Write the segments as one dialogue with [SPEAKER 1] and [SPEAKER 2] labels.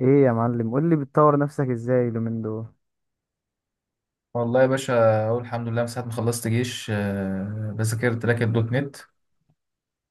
[SPEAKER 1] ايه يا معلم، قول لي بتطور نفسك ازاي اليومين دول.
[SPEAKER 2] والله يا باشا. اقول الحمد لله من ساعه ما خلصت جيش، بذاكرت لك الدوت نت.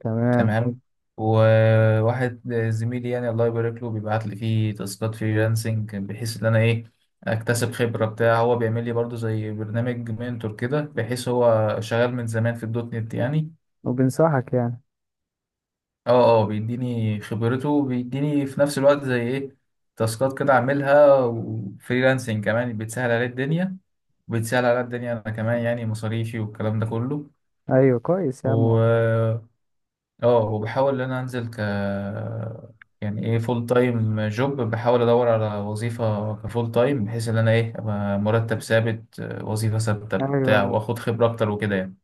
[SPEAKER 1] تمام حلو.
[SPEAKER 2] تمام. وواحد زميلي، يعني الله يبارك له، بيبعت لي فيه تاسكات فريلانسنج بحيث ان انا ايه اكتسب خبره بتاع. هو بيعمل لي برضو زي برنامج منتور كده، بحيث هو شغال من زمان في الدوت نت يعني.
[SPEAKER 1] وبنصحك يعني
[SPEAKER 2] اه اه، بيديني خبرته وبيديني في نفس الوقت زي ايه تاسكات كده اعملها. وفريلانسنج كمان بتسهل عليه الدنيا، بتسهل على الدنيا انا كمان، يعني مصاريفي والكلام ده كله.
[SPEAKER 1] ايوه كويس يا
[SPEAKER 2] و
[SPEAKER 1] عم.
[SPEAKER 2] اه وبحاول ان انا انزل ك يعني ايه فول تايم جوب، بحاول ادور على وظيفة كفول تايم بحيث ان انا ايه ابقى مرتب ثابت، وظيفة ثابتة
[SPEAKER 1] ايوه،
[SPEAKER 2] بتاع،
[SPEAKER 1] أيوة.
[SPEAKER 2] واخد خبرة اكتر وكده يعني.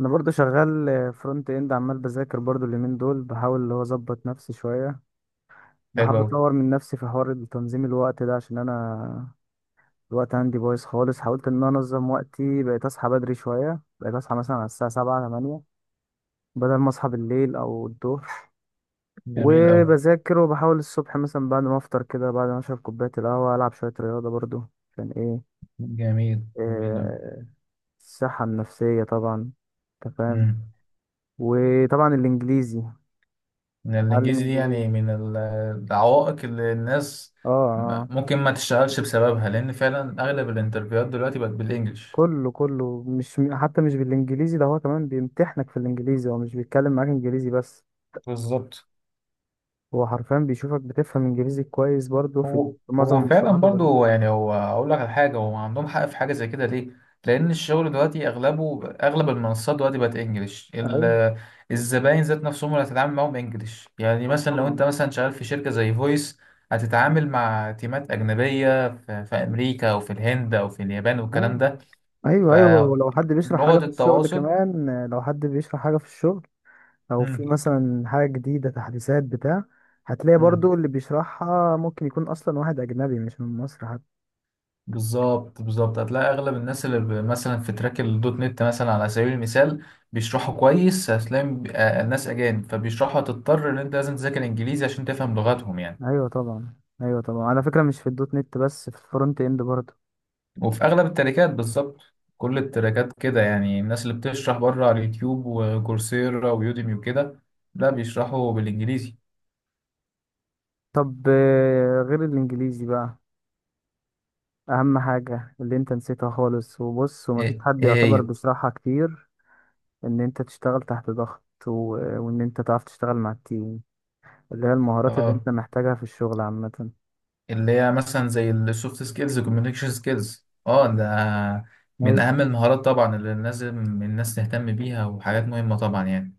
[SPEAKER 1] انا برضو شغال فرونت اند، عمال بذاكر برضو اليومين دول. بحاول اللي هو اظبط نفسي شويه،
[SPEAKER 2] حلو
[SPEAKER 1] بحاول
[SPEAKER 2] اوي.
[SPEAKER 1] اطور من نفسي في حوار تنظيم الوقت ده، عشان انا الوقت عندي بايظ خالص. حاولت ان انا انظم وقتي، بقيت اصحى بدري شويه، بقيت اصحى مثلا على الساعه 7 8 بدل ما اصحى بالليل او الظهر.
[SPEAKER 2] جميل اوي.
[SPEAKER 1] وبذاكر وبحاول الصبح مثلا بعد ما افطر كده، بعد ما اشرب كوبايه القهوه، العب شويه رياضه برضو. عشان ايه؟
[SPEAKER 2] جميل جميل اوي.
[SPEAKER 1] آه، الصحه النفسيه طبعا. انت فاهم.
[SPEAKER 2] مم.
[SPEAKER 1] وطبعا الانجليزي،
[SPEAKER 2] إن
[SPEAKER 1] اتعلم
[SPEAKER 2] الانجليزي دي يعني
[SPEAKER 1] انجليزي.
[SPEAKER 2] من العوائق اللي الناس
[SPEAKER 1] اه اه.
[SPEAKER 2] ممكن ما تشتغلش بسببها، لان فعلا اغلب الانترفيوهات دلوقتي بقت بالانجلش.
[SPEAKER 1] كله مش، حتى مش بالانجليزي، ده هو كمان بيمتحنك في الانجليزي، هو مش بيتكلم معاك انجليزي بس،
[SPEAKER 2] بالظبط.
[SPEAKER 1] هو حرفيا بيشوفك بتفهم انجليزي كويس برضو في
[SPEAKER 2] هو
[SPEAKER 1] في معظم
[SPEAKER 2] هو فعلا
[SPEAKER 1] المصطلحات والبلاغة.
[SPEAKER 2] برضو يعني. هو اقول لك على حاجه، هو عندهم حق في حاجه زي كده ليه؟ لان الشغل دلوقتي اغلبه، اغلب المنصات دلوقتي بقت انجليش.
[SPEAKER 1] ايوه.
[SPEAKER 2] الزباين ذات نفسهم اللي هتتعامل معاهم انجليش، يعني
[SPEAKER 1] طب
[SPEAKER 2] مثلا لو انت
[SPEAKER 1] طبعا.
[SPEAKER 2] مثلا شغال في شركه زي فويس هتتعامل مع تيمات اجنبيه في امريكا او في الهند او في اليابان
[SPEAKER 1] ايوه
[SPEAKER 2] والكلام ده،
[SPEAKER 1] ايوه ايوه، ولو حد بيشرح حاجه
[SPEAKER 2] فلغه
[SPEAKER 1] في الشغل
[SPEAKER 2] التواصل.
[SPEAKER 1] كمان، لو حد بيشرح حاجه في الشغل او في
[SPEAKER 2] مم.
[SPEAKER 1] مثلا حاجه جديده تحديثات بتاع، هتلاقي
[SPEAKER 2] مم.
[SPEAKER 1] برضو اللي بيشرحها ممكن يكون اصلا واحد اجنبي مش من مصر حتى.
[SPEAKER 2] بالظبط بالظبط. هتلاقي اغلب الناس اللي مثلا في تراك الدوت نت مثلا، على سبيل المثال، بيشرحوا كويس. هتلاقي الناس اجانب، فبيشرحوا. هتضطر ان انت لازم تذاكر انجليزي عشان تفهم لغتهم يعني.
[SPEAKER 1] ايوه طبعا. ايوه طبعا، على فكره مش في الدوت نت بس، في الفرونت اند برضو.
[SPEAKER 2] وفي اغلب التراكات بالظبط، كل التراكات كده يعني، الناس اللي بتشرح بره على اليوتيوب وكورسيرا ويوديمي وكده، لا بيشرحوا بالانجليزي.
[SPEAKER 1] طب غير الانجليزي بقى، اهم حاجه اللي انت نسيتها خالص، وبص، ومفيش
[SPEAKER 2] ايه؟
[SPEAKER 1] حد
[SPEAKER 2] إيه
[SPEAKER 1] يعتبر
[SPEAKER 2] هي؟
[SPEAKER 1] بيشرحها كتير، ان انت تشتغل تحت ضغط وان انت تعرف تشتغل مع التيم، اللي هي المهارات اللي
[SPEAKER 2] اه،
[SPEAKER 1] انت محتاجها في الشغل عامه.
[SPEAKER 2] اللي هي مثلا زي السوفت سكيلز والكوميونيكيشن سكيلز. اه، ده من
[SPEAKER 1] أيوة.
[SPEAKER 2] اهم المهارات طبعا اللي لازم الناس تهتم بيها، وحاجات مهمة طبعا يعني.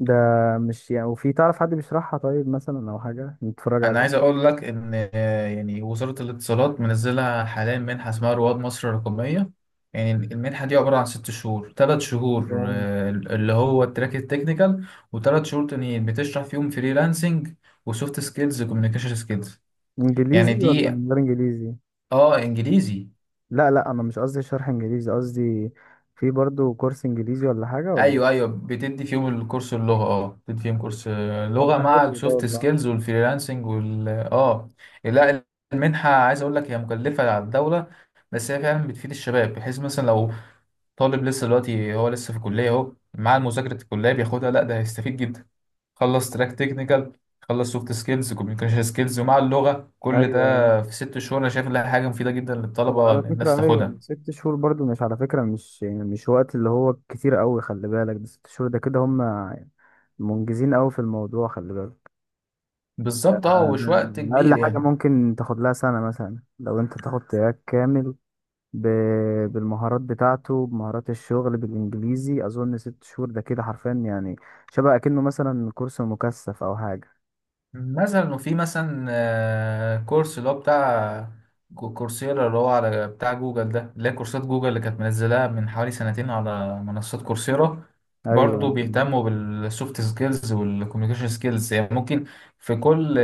[SPEAKER 1] ده مش يعني، وفي تعرف حد بيشرحها طيب مثلا أو حاجة نتفرج
[SPEAKER 2] انا
[SPEAKER 1] عليه؟
[SPEAKER 2] عايز اقول لك ان يعني وزارة الاتصالات منزلة حاليا منحة اسمها رواد مصر الرقمية. يعني المنحة دي عبارة عن ست شهور، تلات شهور
[SPEAKER 1] جامد.
[SPEAKER 2] اللي هو التراك التكنيكال، وتلات شهور تانيين بتشرح فيهم فريلانسنج وسوفت سكيلز وكوميونيكيشن سكيلز، يعني
[SPEAKER 1] إنجليزي ولا
[SPEAKER 2] دي.
[SPEAKER 1] من غير إنجليزي؟
[SPEAKER 2] اه، انجليزي.
[SPEAKER 1] لا لا، أنا مش قصدي شرح إنجليزي، قصدي في برضو كورس إنجليزي ولا حاجة ولا؟
[SPEAKER 2] ايوه ايوه، بتدي فيهم الكورس اللغه، بتدي فيهم كورس،
[SPEAKER 1] طب
[SPEAKER 2] لغه
[SPEAKER 1] ده
[SPEAKER 2] مع
[SPEAKER 1] حلو ده
[SPEAKER 2] السوفت
[SPEAKER 1] والله.
[SPEAKER 2] سكيلز والفريلانسنج وال اه لا، المنحه عايز اقول لك هي مكلفه على الدوله، بس هي فعلا بتفيد الشباب. بحيث مثلا لو طالب لسه دلوقتي، هو لسه في الكليه اهو، مع مذاكره الكليه بياخدها، لا ده هيستفيد جدا. خلص تراك تكنيكال، خلص سوفت سكيلز كوميونيكيشن سكيلز ومع اللغه، كل
[SPEAKER 1] ايوه ايوه.
[SPEAKER 2] ده في ست شهور. انا شايف انها حاجه مفيده جدا للطلبه ان
[SPEAKER 1] وعلى
[SPEAKER 2] الناس
[SPEAKER 1] فكره ايوه،
[SPEAKER 2] تاخدها.
[SPEAKER 1] ست شهور برضو، مش على فكره، مش يعني، مش وقت اللي هو كتير قوي، خلي بالك ده ست شهور، ده كده هم منجزين قوي في الموضوع، خلي بالك. ده,
[SPEAKER 2] بالظبط اه، ومش وقت
[SPEAKER 1] ده اقل
[SPEAKER 2] كبير
[SPEAKER 1] حاجه
[SPEAKER 2] يعني.
[SPEAKER 1] ممكن تاخد لها سنه مثلا لو انت تاخد تراك كامل بالمهارات بتاعته، بمهارات الشغل بالانجليزي، اظن ست شهور ده كده حرفيا يعني شبه اكنه مثلا كورس مكثف او حاجه.
[SPEAKER 2] مثلا وفي مثلا كورس اللي هو بتاع كورسيرا، اللي هو على بتاع جوجل ده، اللي هي كورسات جوجل اللي كانت منزلاها من حوالي سنتين على منصات كورسيرا.
[SPEAKER 1] ايوه
[SPEAKER 2] برضو بيهتموا بالسوفت سكيلز والكوميونيكيشن سكيلز، يعني ممكن في كل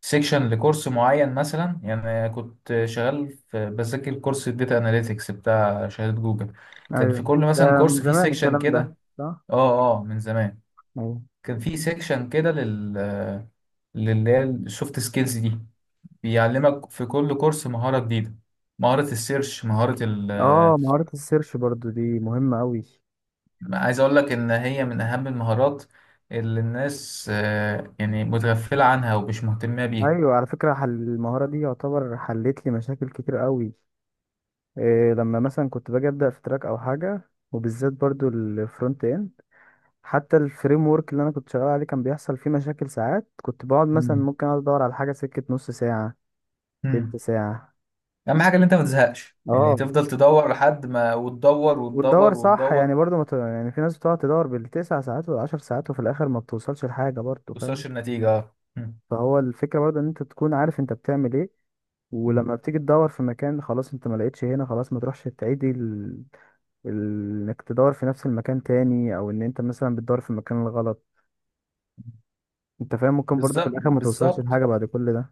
[SPEAKER 2] سيكشن لكورس معين مثلا. يعني كنت شغال بذاكر كورس الداتا اناليتكس بتاع شهادة جوجل، كان في
[SPEAKER 1] ايوه.
[SPEAKER 2] كل
[SPEAKER 1] ده
[SPEAKER 2] مثلا
[SPEAKER 1] من
[SPEAKER 2] كورس فيه
[SPEAKER 1] زمان
[SPEAKER 2] سيكشن
[SPEAKER 1] الكلام ده،
[SPEAKER 2] كده.
[SPEAKER 1] صح.
[SPEAKER 2] اه اه، من زمان.
[SPEAKER 1] ايوه.
[SPEAKER 2] كان في سيكشن كده للي هي السوفت سكيلز دي، بيعلمك في كل كورس مهارة جديدة: مهارة السيرش، مهارة ال...
[SPEAKER 1] اه، مهاره السيرش برضو دي مهمه قوي.
[SPEAKER 2] عايز أقول لك إن هي من أهم المهارات اللي الناس يعني متغفلة عنها ومش مهتمة بيها.
[SPEAKER 1] ايوه على فكره، حل المهاره دي يعتبر حلت لي مشاكل كتير قوي. إيه لما مثلا كنت باجي ابدا في تراك او حاجه، وبالذات برضو الفرونت اند، حتى الفريم ورك اللي انا كنت شغال عليه كان بيحصل فيه مشاكل. ساعات كنت بقعد مثلا،
[SPEAKER 2] مم.
[SPEAKER 1] ممكن اقعد ادور على حاجه سكه نص ساعه، تلت
[SPEAKER 2] مم.
[SPEAKER 1] ساعه.
[SPEAKER 2] أهم حاجة إن أنت ما تزهقش، يعني
[SPEAKER 1] اه.
[SPEAKER 2] تفضل تدور لحد ما، وتدور
[SPEAKER 1] وتدور
[SPEAKER 2] وتدور
[SPEAKER 1] صح
[SPEAKER 2] وتدور
[SPEAKER 1] يعني، برضه ما ت... يعني في ناس بتقعد تدور بالتسع ساعات والعشر ساعات وفي الاخر ما بتوصلش لحاجه، برضه فاهم.
[SPEAKER 2] توصلش النتيجة.
[SPEAKER 1] فهو الفكره برضه ان انت تكون عارف انت بتعمل ايه، ولما بتيجي تدور في مكان خلاص انت ما لقيتش هنا خلاص، ما تروحش تعيدي ال... ال... انك تدور في نفس المكان تاني، او ان انت مثلا بتدور في المكان الغلط، انت فاهم، ممكن برضه في
[SPEAKER 2] بالظبط
[SPEAKER 1] الاخر ما توصلش
[SPEAKER 2] بالظبط
[SPEAKER 1] لحاجه بعد كل ده.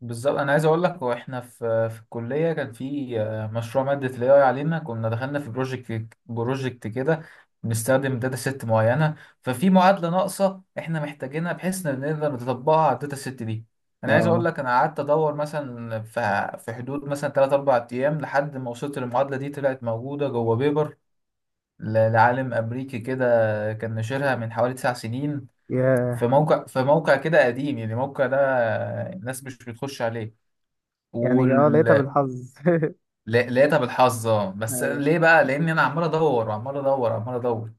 [SPEAKER 2] بالظبط. انا عايز اقول لك، واحنا في الكليه كان في مشروع ماده الاي اي علينا، كنا دخلنا في بروجكت بروجكت كده، بنستخدم داتا ست معينه، ففي معادله ناقصه احنا محتاجينها بحيث ان نقدر نطبقها على الداتا ست دي. انا عايز اقول
[SPEAKER 1] اه.
[SPEAKER 2] لك، انا قعدت ادور مثلا في حدود مثلا 3 4 ايام لحد ما وصلت للمعادله دي. طلعت موجوده جوه بيبر لعالم امريكي كده، كان نشرها من حوالي 9 سنين، في
[SPEAKER 1] ياه.
[SPEAKER 2] موقع في موقع كده قديم، يعني الموقع ده الناس مش بتخش عليه،
[SPEAKER 1] يعني اه، لقيتها
[SPEAKER 2] وال-
[SPEAKER 1] بالحظ.
[SPEAKER 2] لقيتها بالحظ اه. بس
[SPEAKER 1] ايوه.
[SPEAKER 2] ليه بقى؟ لان انا عمال ادور وعمال ادور وعمال ادور،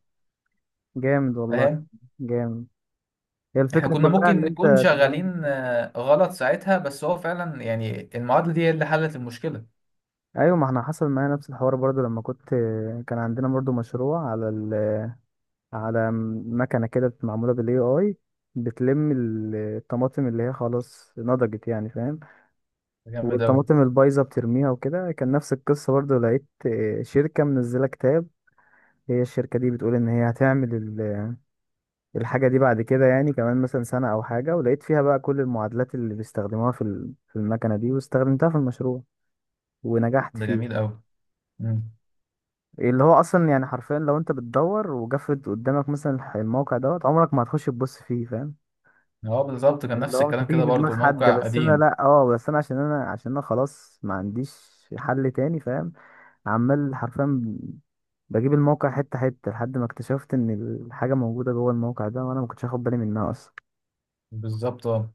[SPEAKER 1] جامد والله.
[SPEAKER 2] فاهم.
[SPEAKER 1] جامد. هي
[SPEAKER 2] احنا
[SPEAKER 1] الفكرة
[SPEAKER 2] كنا
[SPEAKER 1] كلها ان
[SPEAKER 2] ممكن
[SPEAKER 1] انت
[SPEAKER 2] نكون
[SPEAKER 1] تبقى
[SPEAKER 2] شغالين غلط ساعتها، بس هو فعلا يعني المعادله دي هي اللي حلت المشكله ده.
[SPEAKER 1] ايوه، ما احنا حصل معايا نفس الحوار برضو لما كنت، كان عندنا برضو مشروع على ال... على مكنة كده معمولة بالاي اي، بتلم الطماطم اللي هي خلاص نضجت يعني، فاهم،
[SPEAKER 2] جامد قوي.
[SPEAKER 1] والطماطم البايظة بترميها وكده. كان نفس القصة برضو، لقيت شركة منزلة كتاب، هي الشركة دي بتقول ان هي هتعمل الحاجة دي بعد كده يعني، كمان مثلا سنة أو حاجة، ولقيت فيها بقى كل المعادلات اللي بيستخدموها في في المكنة دي، واستخدمتها في المشروع ونجحت
[SPEAKER 2] ده جميل
[SPEAKER 1] فيه.
[SPEAKER 2] قوي.
[SPEAKER 1] اللي هو أصلا يعني حرفيا لو أنت بتدور وجفت قدامك مثلا الموقع دوت، عمرك ما هتخش تبص فيه، فاهم.
[SPEAKER 2] هو بالظبط كان
[SPEAKER 1] اللي
[SPEAKER 2] نفس
[SPEAKER 1] هو مش
[SPEAKER 2] الكلام
[SPEAKER 1] هتيجي
[SPEAKER 2] كده
[SPEAKER 1] في دماغ
[SPEAKER 2] برضو،
[SPEAKER 1] حد،
[SPEAKER 2] موقع
[SPEAKER 1] بس أنا
[SPEAKER 2] قديم.
[SPEAKER 1] لأ، اه، بس أنا عشان أنا، عشان أنا خلاص ما عنديش حل تاني، فاهم. عمال حرفيا بجيب الموقع حتة حتة لحد ما اكتشفت إن الحاجة موجودة جوه الموقع ده وأنا ما كنتش واخد بالي منها أصلا.
[SPEAKER 2] بالظبط اه.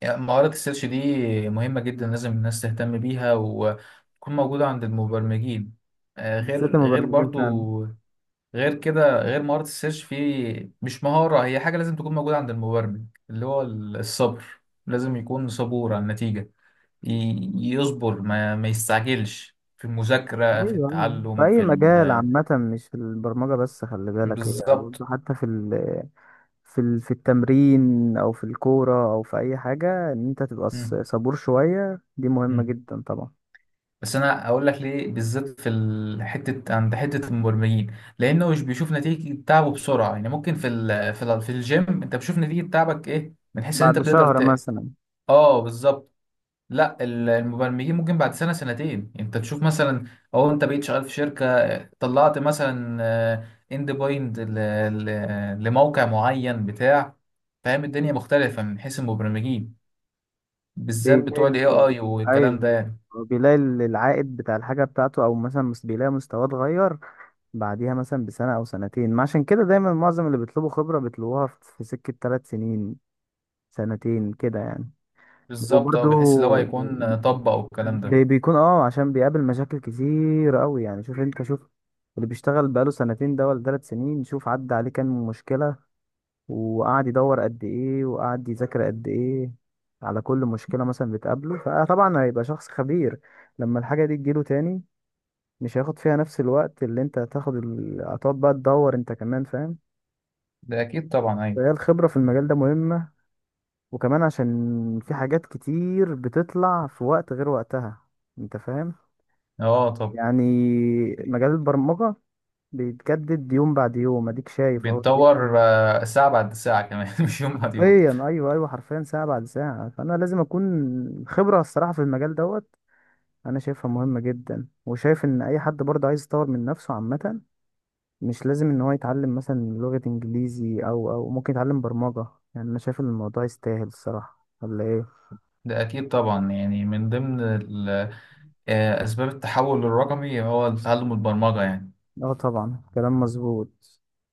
[SPEAKER 2] يعني مهارة السيرش دي مهمة جدا، لازم الناس تهتم بيها وتكون موجودة عند المبرمجين.
[SPEAKER 1] بالذات
[SPEAKER 2] غير
[SPEAKER 1] المبرمجين
[SPEAKER 2] برضو،
[SPEAKER 1] فعلا.
[SPEAKER 2] غير كده، غير مهارة السيرش، في مش مهارة، هي حاجة لازم تكون موجودة عند المبرمج، اللي هو الصبر. لازم يكون صبور على النتيجة، يصبر، ما يستعجلش في
[SPEAKER 1] ايوه
[SPEAKER 2] المذاكرة، في
[SPEAKER 1] أيوة. في
[SPEAKER 2] التعلم،
[SPEAKER 1] اي
[SPEAKER 2] في
[SPEAKER 1] مجال
[SPEAKER 2] ال...
[SPEAKER 1] عامه، مش في البرمجه بس، خلي بالك، هي
[SPEAKER 2] بالظبط.
[SPEAKER 1] برضه حتى في ال، في التمرين او في الكوره او في اي حاجه، ان انت تبقى
[SPEAKER 2] مم.
[SPEAKER 1] صبور شويه، دي مهمه
[SPEAKER 2] مم.
[SPEAKER 1] جدا طبعا.
[SPEAKER 2] بس أنا أقول لك ليه بالذات في حتة عند حتة المبرمجين، لأنه مش بيشوف نتيجة تعبه بسرعة. يعني ممكن في الجيم أنت بتشوف نتيجة تعبك، إيه من حيث إن أنت
[SPEAKER 1] بعد
[SPEAKER 2] بتقدر
[SPEAKER 1] شهر
[SPEAKER 2] ت...
[SPEAKER 1] مثلا.
[SPEAKER 2] اه بالظبط. لا، المبرمجين ممكن بعد سنة سنتين انت تشوف مثلا، او انت بقيت شغال في شركة طلعت مثلا اند بوينت لموقع معين بتاع، فاهم الدنيا مختلفة من حيث المبرمجين، بالذات
[SPEAKER 1] بيلاقي
[SPEAKER 2] بتوع الاي اي والكلام ده
[SPEAKER 1] ايوه،
[SPEAKER 2] يعني.
[SPEAKER 1] هو بيلاقي العائد بتاع الحاجه بتاعته، او مثلا بيلاقي مستواه اتغير بعديها مثلا بسنه او سنتين. ما عشان كده دايما معظم اللي بيطلبوا خبره بيطلبوها في في سكه ثلاث سنين، سنتين كده يعني.
[SPEAKER 2] بالظبط اه،
[SPEAKER 1] وبرضو
[SPEAKER 2] بحيث اللي هو يكون طبق والكلام ده.
[SPEAKER 1] بيكون اه، عشان بيقابل مشاكل كتير قوي، يعني شوف انت، شوف اللي بيشتغل بقاله سنتين ده ولا ثلاث سنين، شوف عدى عليه كام مشكلة، وقعد يدور قد ايه، وقعد يذاكر قد ايه على كل مشكلة مثلا بتقابله، فطبعا هيبقى شخص خبير. لما الحاجة دي تجيله تاني مش هياخد فيها نفس الوقت اللي انت هتاخد ال... هتقعد بقى تدور انت كمان، فاهم.
[SPEAKER 2] ده اكيد طبعا ايوه.
[SPEAKER 1] فهي الخبرة في المجال ده مهمة، وكمان عشان في حاجات كتير بتطلع في وقت غير وقتها، انت فاهم،
[SPEAKER 2] اه طب.
[SPEAKER 1] يعني مجال البرمجة بيتجدد يوم بعد يوم، اديك شايف اهو
[SPEAKER 2] بيتطور
[SPEAKER 1] الدنيا
[SPEAKER 2] ساعة بعد ساعة كمان مش يوم بعد يوم.
[SPEAKER 1] حرفيا، ايوه ايوه، حرفيا ساعة بعد ساعة، فانا لازم اكون، خبرة الصراحة في المجال دوت انا شايفها مهمة جدا، وشايف ان اي حد برضه عايز يطور من نفسه عامة، مش لازم ان هو يتعلم مثلا لغة انجليزي، او او ممكن يتعلم برمجة، يعني انا شايف ان الموضوع يستاهل الصراحة، ولا ايه؟
[SPEAKER 2] ده اكيد طبعا، يعني من ضمن ال آه، أسباب التحول الرقمي هو تعلم البرمجة يعني.
[SPEAKER 1] اه طبعا، كلام مظبوط.